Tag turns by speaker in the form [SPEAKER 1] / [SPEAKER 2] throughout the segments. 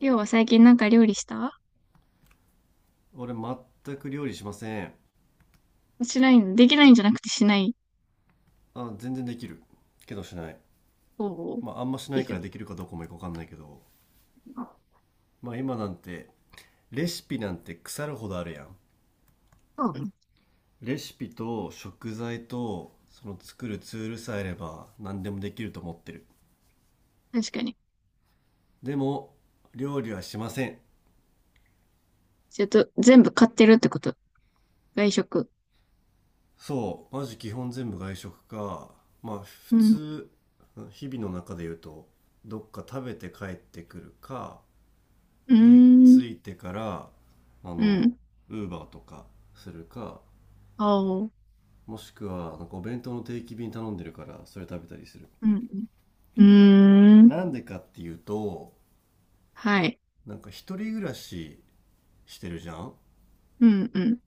[SPEAKER 1] りょうは最近なんか料理した？
[SPEAKER 2] 俺全く料理しません。
[SPEAKER 1] しないの、できないんじゃなくてしない
[SPEAKER 2] あ、全然できるけどしない。
[SPEAKER 1] 方を、
[SPEAKER 2] まああんましな
[SPEAKER 1] い
[SPEAKER 2] いか
[SPEAKER 1] る。
[SPEAKER 2] らできるかどうかもよかわかんないけど、まあ今なんてレシピなんて腐るほどあるやん。
[SPEAKER 1] そうね。ん、
[SPEAKER 2] レシピと食材とその作るツールさえあれば何でもできると思ってる。
[SPEAKER 1] 確かに。
[SPEAKER 2] でも料理はしません。
[SPEAKER 1] ちょっと全部買ってるってこと？外食？
[SPEAKER 2] そうマジ基本全部外食か。まあ普
[SPEAKER 1] うん。
[SPEAKER 2] 通日々の中で言うと、どっか食べて帰ってくるか、
[SPEAKER 1] う
[SPEAKER 2] 家
[SPEAKER 1] ーん。
[SPEAKER 2] 着いてからあ
[SPEAKER 1] う
[SPEAKER 2] の
[SPEAKER 1] ん。
[SPEAKER 2] ウーバーとかするか、
[SPEAKER 1] あ、お。
[SPEAKER 2] もしくはなんかお弁当の定期便頼んでるからそれ食べたりする。
[SPEAKER 1] うん。うん。うーん。
[SPEAKER 2] なんでかっていうと、
[SPEAKER 1] はい。
[SPEAKER 2] なんか一人暮らししてるじゃん。
[SPEAKER 1] うん。うん。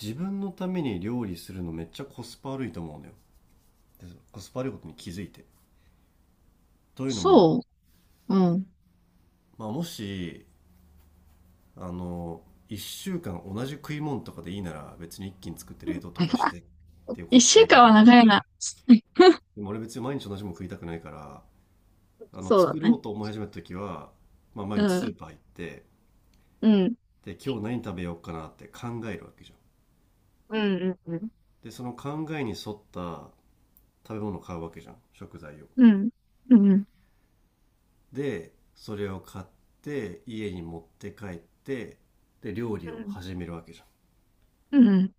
[SPEAKER 2] 自分のために料理するのめっちゃコスパ悪いと思うのよ。でコスパ悪いことに気づいて、というのも、
[SPEAKER 1] そう。うん。
[SPEAKER 2] まあ、もしあの1週間同じ食い物とかでいいなら別に一気に作って冷凍とか してっていう
[SPEAKER 1] 一
[SPEAKER 2] コスパ
[SPEAKER 1] 週
[SPEAKER 2] いいけ
[SPEAKER 1] 間は
[SPEAKER 2] ど、
[SPEAKER 1] 長いな。
[SPEAKER 2] でも俺別に毎日同じもの食いたくないから。
[SPEAKER 1] そうだ
[SPEAKER 2] 作ろ
[SPEAKER 1] ね。
[SPEAKER 2] うと思い始めた時は、まあ毎
[SPEAKER 1] う
[SPEAKER 2] 日ス
[SPEAKER 1] ん。
[SPEAKER 2] ーパー行って、
[SPEAKER 1] うん。
[SPEAKER 2] で、今日何食べようかなって考えるわけじゃん。
[SPEAKER 1] うん、うん、うん。
[SPEAKER 2] で、その考えに沿った食べ物を買うわけじゃん。食材を。
[SPEAKER 1] うん。うん。
[SPEAKER 2] で、それを買って、家に持って帰って、で、料
[SPEAKER 1] う
[SPEAKER 2] 理を
[SPEAKER 1] ん。
[SPEAKER 2] 始めるわけじゃん。
[SPEAKER 1] うん。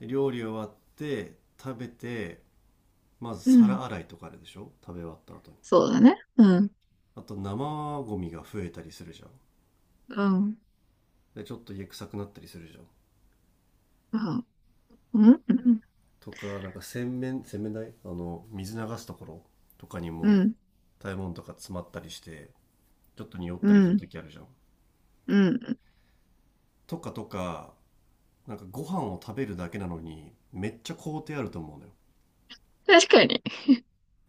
[SPEAKER 2] で、料理終わって、食べて、まず
[SPEAKER 1] うん、
[SPEAKER 2] 皿洗いとかあるでしょ食べ終わった後に。
[SPEAKER 1] そうだね。うん。
[SPEAKER 2] あと生ゴミが増えたりするじゃん。
[SPEAKER 1] うん。
[SPEAKER 2] で、ちょっと家臭くなったりするじゃん。
[SPEAKER 1] うん。うん。
[SPEAKER 2] とかなんか洗面台水流すところとかに
[SPEAKER 1] う
[SPEAKER 2] も
[SPEAKER 1] ん
[SPEAKER 2] 食べ物とか詰まったりして、ちょっと匂っ
[SPEAKER 1] う
[SPEAKER 2] たりする
[SPEAKER 1] ん
[SPEAKER 2] 時あるじゃん、
[SPEAKER 1] うん、
[SPEAKER 2] とかとか、なんかご飯を食べるだけなのにめっちゃ工程あると思うのよ。
[SPEAKER 1] 確かに。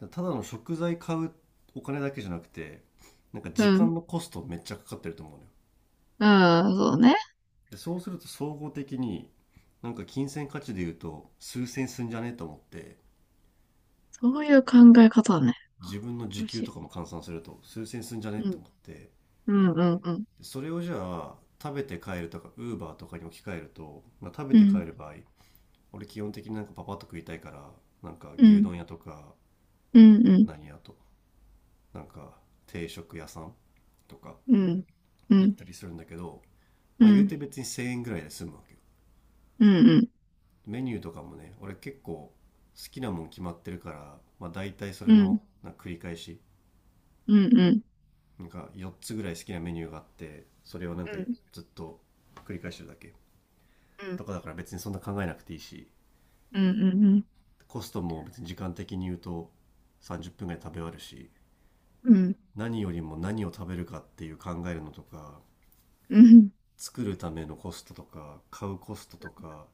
[SPEAKER 2] だからただの食材買うお金だけじゃなくて、なんか
[SPEAKER 1] う
[SPEAKER 2] 時
[SPEAKER 1] ん。
[SPEAKER 2] 間のコストめっちゃかかってると思うのよ。
[SPEAKER 1] ああ、そうね。
[SPEAKER 2] でそうすると総合的に、なんか金銭価値で言うと数千すんじゃねえと思って、
[SPEAKER 1] そういう考え方ね。あ、
[SPEAKER 2] 自分の時
[SPEAKER 1] 嬉し
[SPEAKER 2] 給と
[SPEAKER 1] い。
[SPEAKER 2] かも換算すると数千すんじゃね
[SPEAKER 1] う
[SPEAKER 2] えと
[SPEAKER 1] ん。
[SPEAKER 2] 思って、
[SPEAKER 1] うんうん。
[SPEAKER 2] それをじゃあ食べて帰るとかウーバーとかに置き換えると、まあ、食べ
[SPEAKER 1] う
[SPEAKER 2] て帰
[SPEAKER 1] ん
[SPEAKER 2] る場合、俺基本的になんかパパッと食いたいから、なんか
[SPEAKER 1] う
[SPEAKER 2] 牛
[SPEAKER 1] ん
[SPEAKER 2] 丼屋とか
[SPEAKER 1] うんうん
[SPEAKER 2] 何屋となんか定食屋さんとか
[SPEAKER 1] うんう
[SPEAKER 2] 行っ
[SPEAKER 1] ん
[SPEAKER 2] たりするんだけど、
[SPEAKER 1] う
[SPEAKER 2] まあ、言う
[SPEAKER 1] ん
[SPEAKER 2] て別に1000円ぐらいで済むわけよ。
[SPEAKER 1] うんうん
[SPEAKER 2] メニューとかもね俺結構好きなもん決まってるから、まあ、大体そ
[SPEAKER 1] う
[SPEAKER 2] れ
[SPEAKER 1] ん
[SPEAKER 2] のなんか繰り返し、
[SPEAKER 1] うんうんうん
[SPEAKER 2] なんか4つぐらい好きなメニューがあって、それをなんか
[SPEAKER 1] う
[SPEAKER 2] ずっと繰り返してるだけ
[SPEAKER 1] ん
[SPEAKER 2] とかだから別にそんな考えなくていいし、
[SPEAKER 1] うんうん
[SPEAKER 2] コストも別に時間的に言うと30分ぐらい食べ終わるし、
[SPEAKER 1] うんうん
[SPEAKER 2] 何よりも何を食べるかっていう考えるのとか、
[SPEAKER 1] うん
[SPEAKER 2] 作るためのコストとか買うコストとか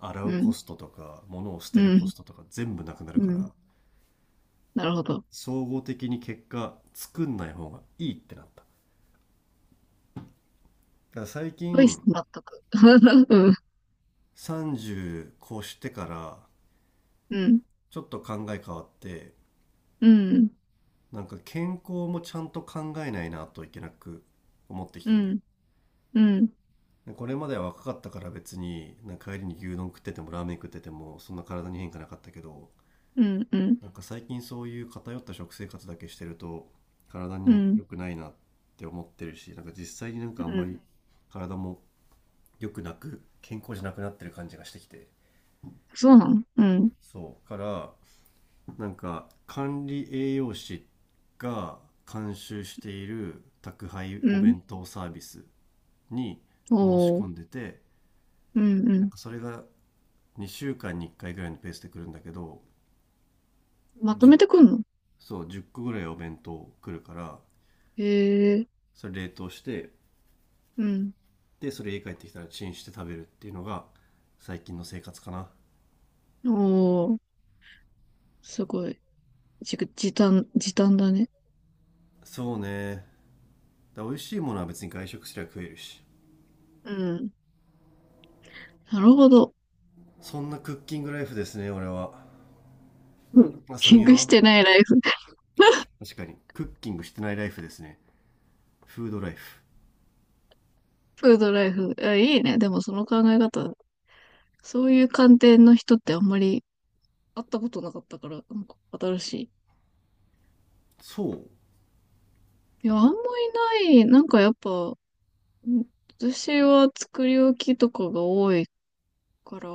[SPEAKER 2] 洗
[SPEAKER 1] う
[SPEAKER 2] うコ
[SPEAKER 1] ん
[SPEAKER 2] ストとか物を捨
[SPEAKER 1] う
[SPEAKER 2] てるコ
[SPEAKER 1] ん
[SPEAKER 2] ストとか全部なくなる
[SPEAKER 1] う
[SPEAKER 2] か
[SPEAKER 1] ん
[SPEAKER 2] ら、
[SPEAKER 1] なるほど。
[SPEAKER 2] 総合的に結果作んない方がいいってなった。だから最
[SPEAKER 1] うい、
[SPEAKER 2] 近
[SPEAKER 1] 納得。うん
[SPEAKER 2] 30越してから
[SPEAKER 1] うん。
[SPEAKER 2] ちょっと考え変わって、
[SPEAKER 1] うん
[SPEAKER 2] なんか健康もちゃんと考えないなといけなく思ってき
[SPEAKER 1] う
[SPEAKER 2] てるのよ。
[SPEAKER 1] んうん
[SPEAKER 2] これまでは若かったから別になんか帰りに牛丼食っててもラーメン食っててもそんな体に変化なかったけど、
[SPEAKER 1] うんうん
[SPEAKER 2] なんか最近そういう偏った食生活だけしてると体
[SPEAKER 1] う
[SPEAKER 2] に
[SPEAKER 1] ん
[SPEAKER 2] 良くないなって思ってるし、なんか実際になん
[SPEAKER 1] う
[SPEAKER 2] かあんま
[SPEAKER 1] ん。
[SPEAKER 2] り体も良くなく健康じゃなくなってる感じがしてきて、
[SPEAKER 1] そうなの？うん。
[SPEAKER 2] そうから、なんか管理栄養士が監修している宅配
[SPEAKER 1] う
[SPEAKER 2] お
[SPEAKER 1] ん。
[SPEAKER 2] 弁当サービスに申し
[SPEAKER 1] おー、
[SPEAKER 2] 込んでて、
[SPEAKER 1] うんう
[SPEAKER 2] な
[SPEAKER 1] ん。
[SPEAKER 2] んかそれが2週間に1回ぐらいのペースで来るんだけど、
[SPEAKER 1] まとめ
[SPEAKER 2] 10,
[SPEAKER 1] てくんの？
[SPEAKER 2] そう1個ぐらいお弁当来るから、
[SPEAKER 1] へえ、
[SPEAKER 2] それ冷凍して、
[SPEAKER 1] うん。
[SPEAKER 2] でそれ家帰ってきたらチンして食べるっていうのが最近の生活かな。
[SPEAKER 1] おー、すごい。時短、時短だね。
[SPEAKER 2] そうね。だ美味しいものは別に外食すりゃ食えるし、
[SPEAKER 1] うん。なるほど。
[SPEAKER 2] そんなクッキングライフですね俺は。
[SPEAKER 1] うん。
[SPEAKER 2] あさ
[SPEAKER 1] キン
[SPEAKER 2] み
[SPEAKER 1] グし
[SPEAKER 2] は
[SPEAKER 1] てないライフ。
[SPEAKER 2] 確かにクッキングしてないライフですね。フードライフ。
[SPEAKER 1] フードライフ。あ、いいね。でもその考え方、そういう観点の人ってあんまり会ったことなかったから、なんか新しい。
[SPEAKER 2] そう、
[SPEAKER 1] いや、あんまいない。なんかやっぱ、ん、私は作り置きとかが多いから、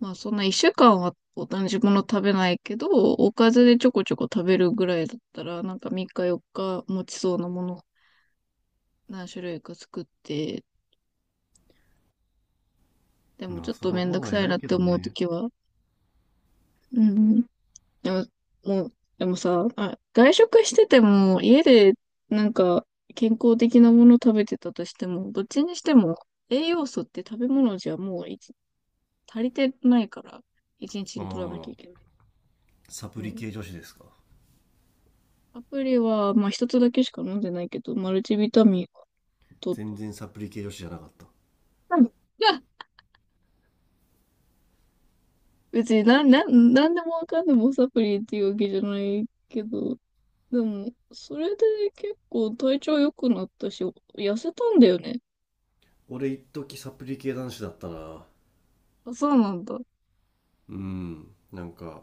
[SPEAKER 1] まあそんな一週間は同じもの食べないけど、おかずでちょこちょこ食べるぐらいだったら、なんか3日4日持ちそうなもの何種類か作って、でも
[SPEAKER 2] ま
[SPEAKER 1] ち
[SPEAKER 2] あ
[SPEAKER 1] ょっ
[SPEAKER 2] そ
[SPEAKER 1] と
[SPEAKER 2] の
[SPEAKER 1] めん
[SPEAKER 2] 方
[SPEAKER 1] どく
[SPEAKER 2] が
[SPEAKER 1] さい
[SPEAKER 2] 偉
[SPEAKER 1] な
[SPEAKER 2] い
[SPEAKER 1] っ
[SPEAKER 2] け
[SPEAKER 1] て
[SPEAKER 2] ど
[SPEAKER 1] 思うと
[SPEAKER 2] ね。
[SPEAKER 1] きは、うん。でも、もう、でもさ、あ、外食してても家でなんか健康的なもの食べてたとしても、どっちにしても栄養素って食べ物じゃもういち、足りてないから、一日に取らなき
[SPEAKER 2] あ
[SPEAKER 1] ゃいけな
[SPEAKER 2] あ、
[SPEAKER 1] い。
[SPEAKER 2] サプリ系女子ですか。
[SPEAKER 1] アプリは、まあ一つだけしか飲んでないけど、マルチビタミンは取っ
[SPEAKER 2] 全然サプリ系女子じゃなかった。
[SPEAKER 1] た。別になんでもわかんでもサプリっていうわけじゃないけど、でも、それで結構体調良くなったし、痩せたんだよね。
[SPEAKER 2] 俺一時サプリ系男子だったな。
[SPEAKER 1] あ、そうなんだ。
[SPEAKER 2] うん、なんか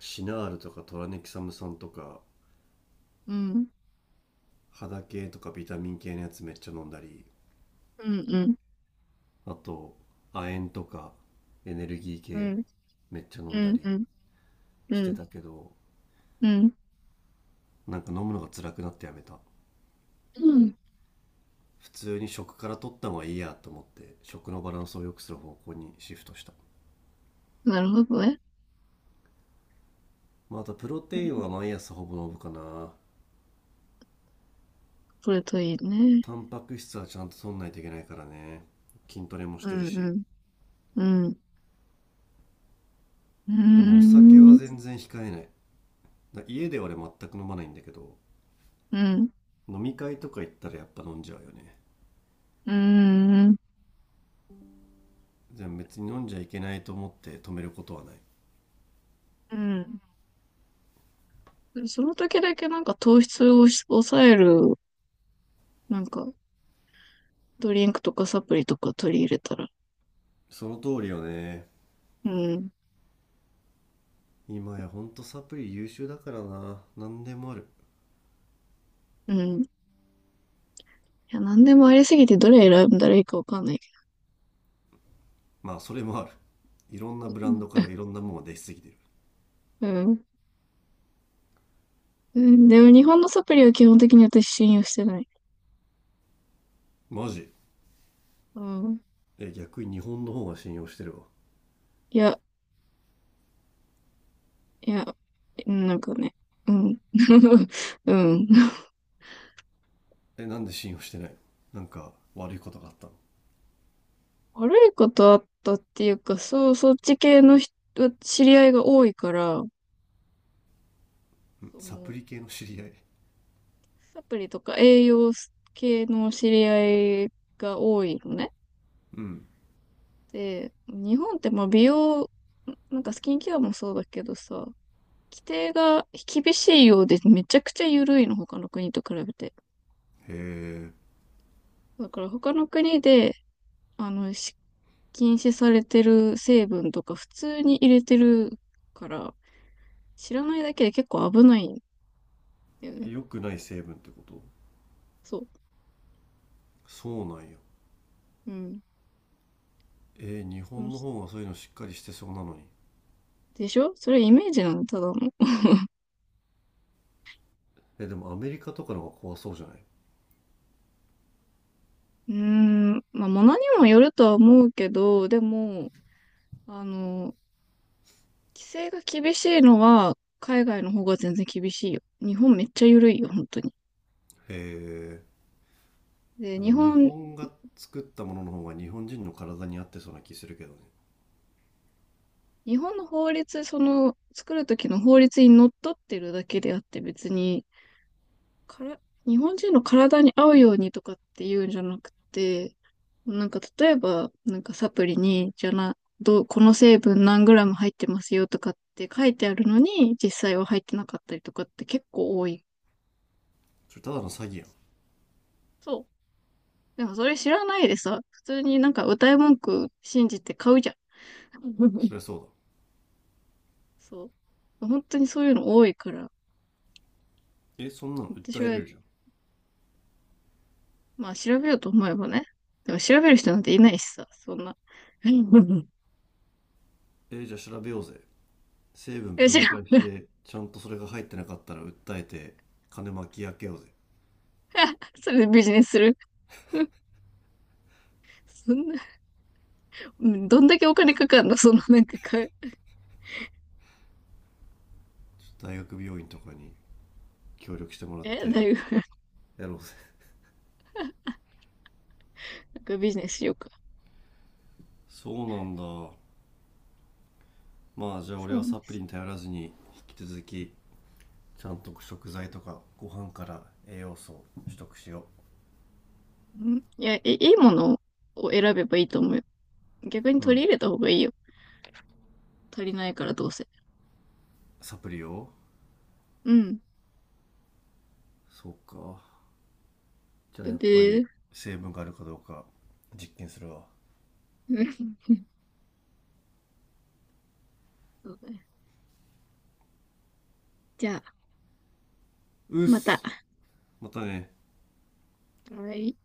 [SPEAKER 2] シナールとかトラネキサム酸とか
[SPEAKER 1] うん。
[SPEAKER 2] 肌系とかビタミン系のやつめっちゃ飲んだり、
[SPEAKER 1] うん、うん、
[SPEAKER 2] あと亜鉛とかエネルギー
[SPEAKER 1] う
[SPEAKER 2] 系
[SPEAKER 1] ん、
[SPEAKER 2] めっちゃ飲
[SPEAKER 1] う
[SPEAKER 2] んだ
[SPEAKER 1] ん、
[SPEAKER 2] り
[SPEAKER 1] うん、う
[SPEAKER 2] して
[SPEAKER 1] ん、
[SPEAKER 2] たけど、
[SPEAKER 1] うん。
[SPEAKER 2] なんか飲むのが辛くなってやめた。
[SPEAKER 1] うん、
[SPEAKER 2] 普通に食から取った方がいいやと思って食のバランスを良くする方向にシフトした。
[SPEAKER 1] なるほどね。
[SPEAKER 2] まあ、あとプロ
[SPEAKER 1] う
[SPEAKER 2] テイ
[SPEAKER 1] ん、
[SPEAKER 2] ンは毎朝ほぼ飲むかな。
[SPEAKER 1] それといいね。
[SPEAKER 2] タンパク質はちゃんと取んないといけないからね。筋トレもし
[SPEAKER 1] う
[SPEAKER 2] てる
[SPEAKER 1] ん、
[SPEAKER 2] し。
[SPEAKER 1] うん、うん、うー
[SPEAKER 2] でもお酒は
[SPEAKER 1] ん、
[SPEAKER 2] 全然控えない。だ家では俺全く飲まないんだけど、
[SPEAKER 1] うん、
[SPEAKER 2] 飲み会とか行ったらやっぱ飲んじゃうよね。
[SPEAKER 1] うーん、
[SPEAKER 2] でも別に飲んじゃいけないと思って止めることはない。
[SPEAKER 1] うん。その時だけなんか糖質を抑える、なんかドリンクとかサプリとか取り入れたら、
[SPEAKER 2] その通りよね。
[SPEAKER 1] うん、
[SPEAKER 2] 今やほんとサプリ優秀だからな、何でもある。
[SPEAKER 1] うん。いや、なんでもありすぎてどれ選んだらいいかわかんないけ
[SPEAKER 2] まあそれもある。いろんな
[SPEAKER 1] ど。
[SPEAKER 2] ブ
[SPEAKER 1] う
[SPEAKER 2] ランドか
[SPEAKER 1] ん。
[SPEAKER 2] らいろんなものが出しすぎてる。
[SPEAKER 1] うんうん、でも日本のサプリは基本的に私信用してない。
[SPEAKER 2] マジ。
[SPEAKER 1] うん。
[SPEAKER 2] え、逆に日本の方が信用してるわ。
[SPEAKER 1] いや、いや、なんかね、うん。うん。
[SPEAKER 2] え、なんで信用してないの。なんか悪いことがあったの。
[SPEAKER 1] 悪いことあったっていうか、そう、そっち系の人、知り合いが多いから、
[SPEAKER 2] うん、
[SPEAKER 1] そ
[SPEAKER 2] サプ
[SPEAKER 1] の
[SPEAKER 2] リ系の知り合い。
[SPEAKER 1] サプリとか栄養系の知り合いが多いのね。
[SPEAKER 2] うん。
[SPEAKER 1] で、日本ってまあ美容、なんかスキンケアもそうだけどさ、規定が厳しいようでめちゃくちゃ緩いの、他の国と比べて。
[SPEAKER 2] へえ。
[SPEAKER 1] だから他の国で、あの、禁止されてる成分とか普通に入れてるから、知らないだけで結構危ないんだよね。
[SPEAKER 2] 良くない成分ってこと。
[SPEAKER 1] そう。
[SPEAKER 2] そうなんや。
[SPEAKER 1] うん。
[SPEAKER 2] えー、日本の方がそういうのしっかりしてそうなのに。
[SPEAKER 1] でしょ、それイメージなの、ただの。
[SPEAKER 2] えー、でもアメリカとかの方が怖そうじゃない、へ
[SPEAKER 1] うーん、まあ、ものにもよるとは思うけど、でも、あの、規制が厳しいのは、海外の方が全然厳しいよ。日本めっちゃ緩いよ、本当に。
[SPEAKER 2] え。
[SPEAKER 1] で、
[SPEAKER 2] なんか
[SPEAKER 1] 日
[SPEAKER 2] 日
[SPEAKER 1] 本、
[SPEAKER 2] 本が作ったものの方が日本人の体に合ってそうな気するけどね。
[SPEAKER 1] 日本の法律、その、作るときの法律にのっとってるだけであって、別に、から、日本人の体に合うようにとかって言うんじゃなくて、なんか例えば、なんかサプリに、じゃな、どう、この成分何グラム入ってますよとかって書いてあるのに、実際は入ってなかったりとかって結構多い。
[SPEAKER 2] それただの詐欺やん。
[SPEAKER 1] そう。でもそれ知らないでさ、普通になんか歌い文句信じて買うじゃん。
[SPEAKER 2] そ りゃそう
[SPEAKER 1] そう。本当にそういうの多いから、
[SPEAKER 2] だ。え、そんなの訴
[SPEAKER 1] 私
[SPEAKER 2] え
[SPEAKER 1] は、
[SPEAKER 2] れるじゃん。
[SPEAKER 1] まあ調べようと思えばね。でも調べる人なんていないしさ、そんな。
[SPEAKER 2] えー、じゃあ調べようぜ。成分
[SPEAKER 1] 違
[SPEAKER 2] 分解し
[SPEAKER 1] う。
[SPEAKER 2] て、ちゃんとそれが入ってなかったら訴えて、金巻き上げようぜ。
[SPEAKER 1] それでビジネスする。そんな、うん、どんだけお金かかんのその、なんかか、
[SPEAKER 2] ちょっと大学病院とかに協力してもらっ
[SPEAKER 1] え、だ
[SPEAKER 2] て、
[SPEAKER 1] いぶ、
[SPEAKER 2] やろうぜ。
[SPEAKER 1] なんかビジネスしようか。
[SPEAKER 2] そうなんだ。まあじゃあ
[SPEAKER 1] そ
[SPEAKER 2] 俺
[SPEAKER 1] うな
[SPEAKER 2] は
[SPEAKER 1] ん
[SPEAKER 2] サ
[SPEAKER 1] で
[SPEAKER 2] プ
[SPEAKER 1] す。
[SPEAKER 2] リに頼らずに、引き続きちゃんと食材とかご飯から栄養素を取得しよ
[SPEAKER 1] うん、いや、いいものを選べばいいと思うよ。逆に
[SPEAKER 2] う。う
[SPEAKER 1] 取
[SPEAKER 2] ん、
[SPEAKER 1] り入れた方がいいよ。足りないからどうせ。
[SPEAKER 2] サプリを。
[SPEAKER 1] うん。
[SPEAKER 2] そうか、じゃあやっ
[SPEAKER 1] ブ。
[SPEAKER 2] ぱり成分があるかどうか実験するわ。
[SPEAKER 1] そうだね。じゃあ、
[SPEAKER 2] うっ
[SPEAKER 1] また。
[SPEAKER 2] す。またね。
[SPEAKER 1] はい。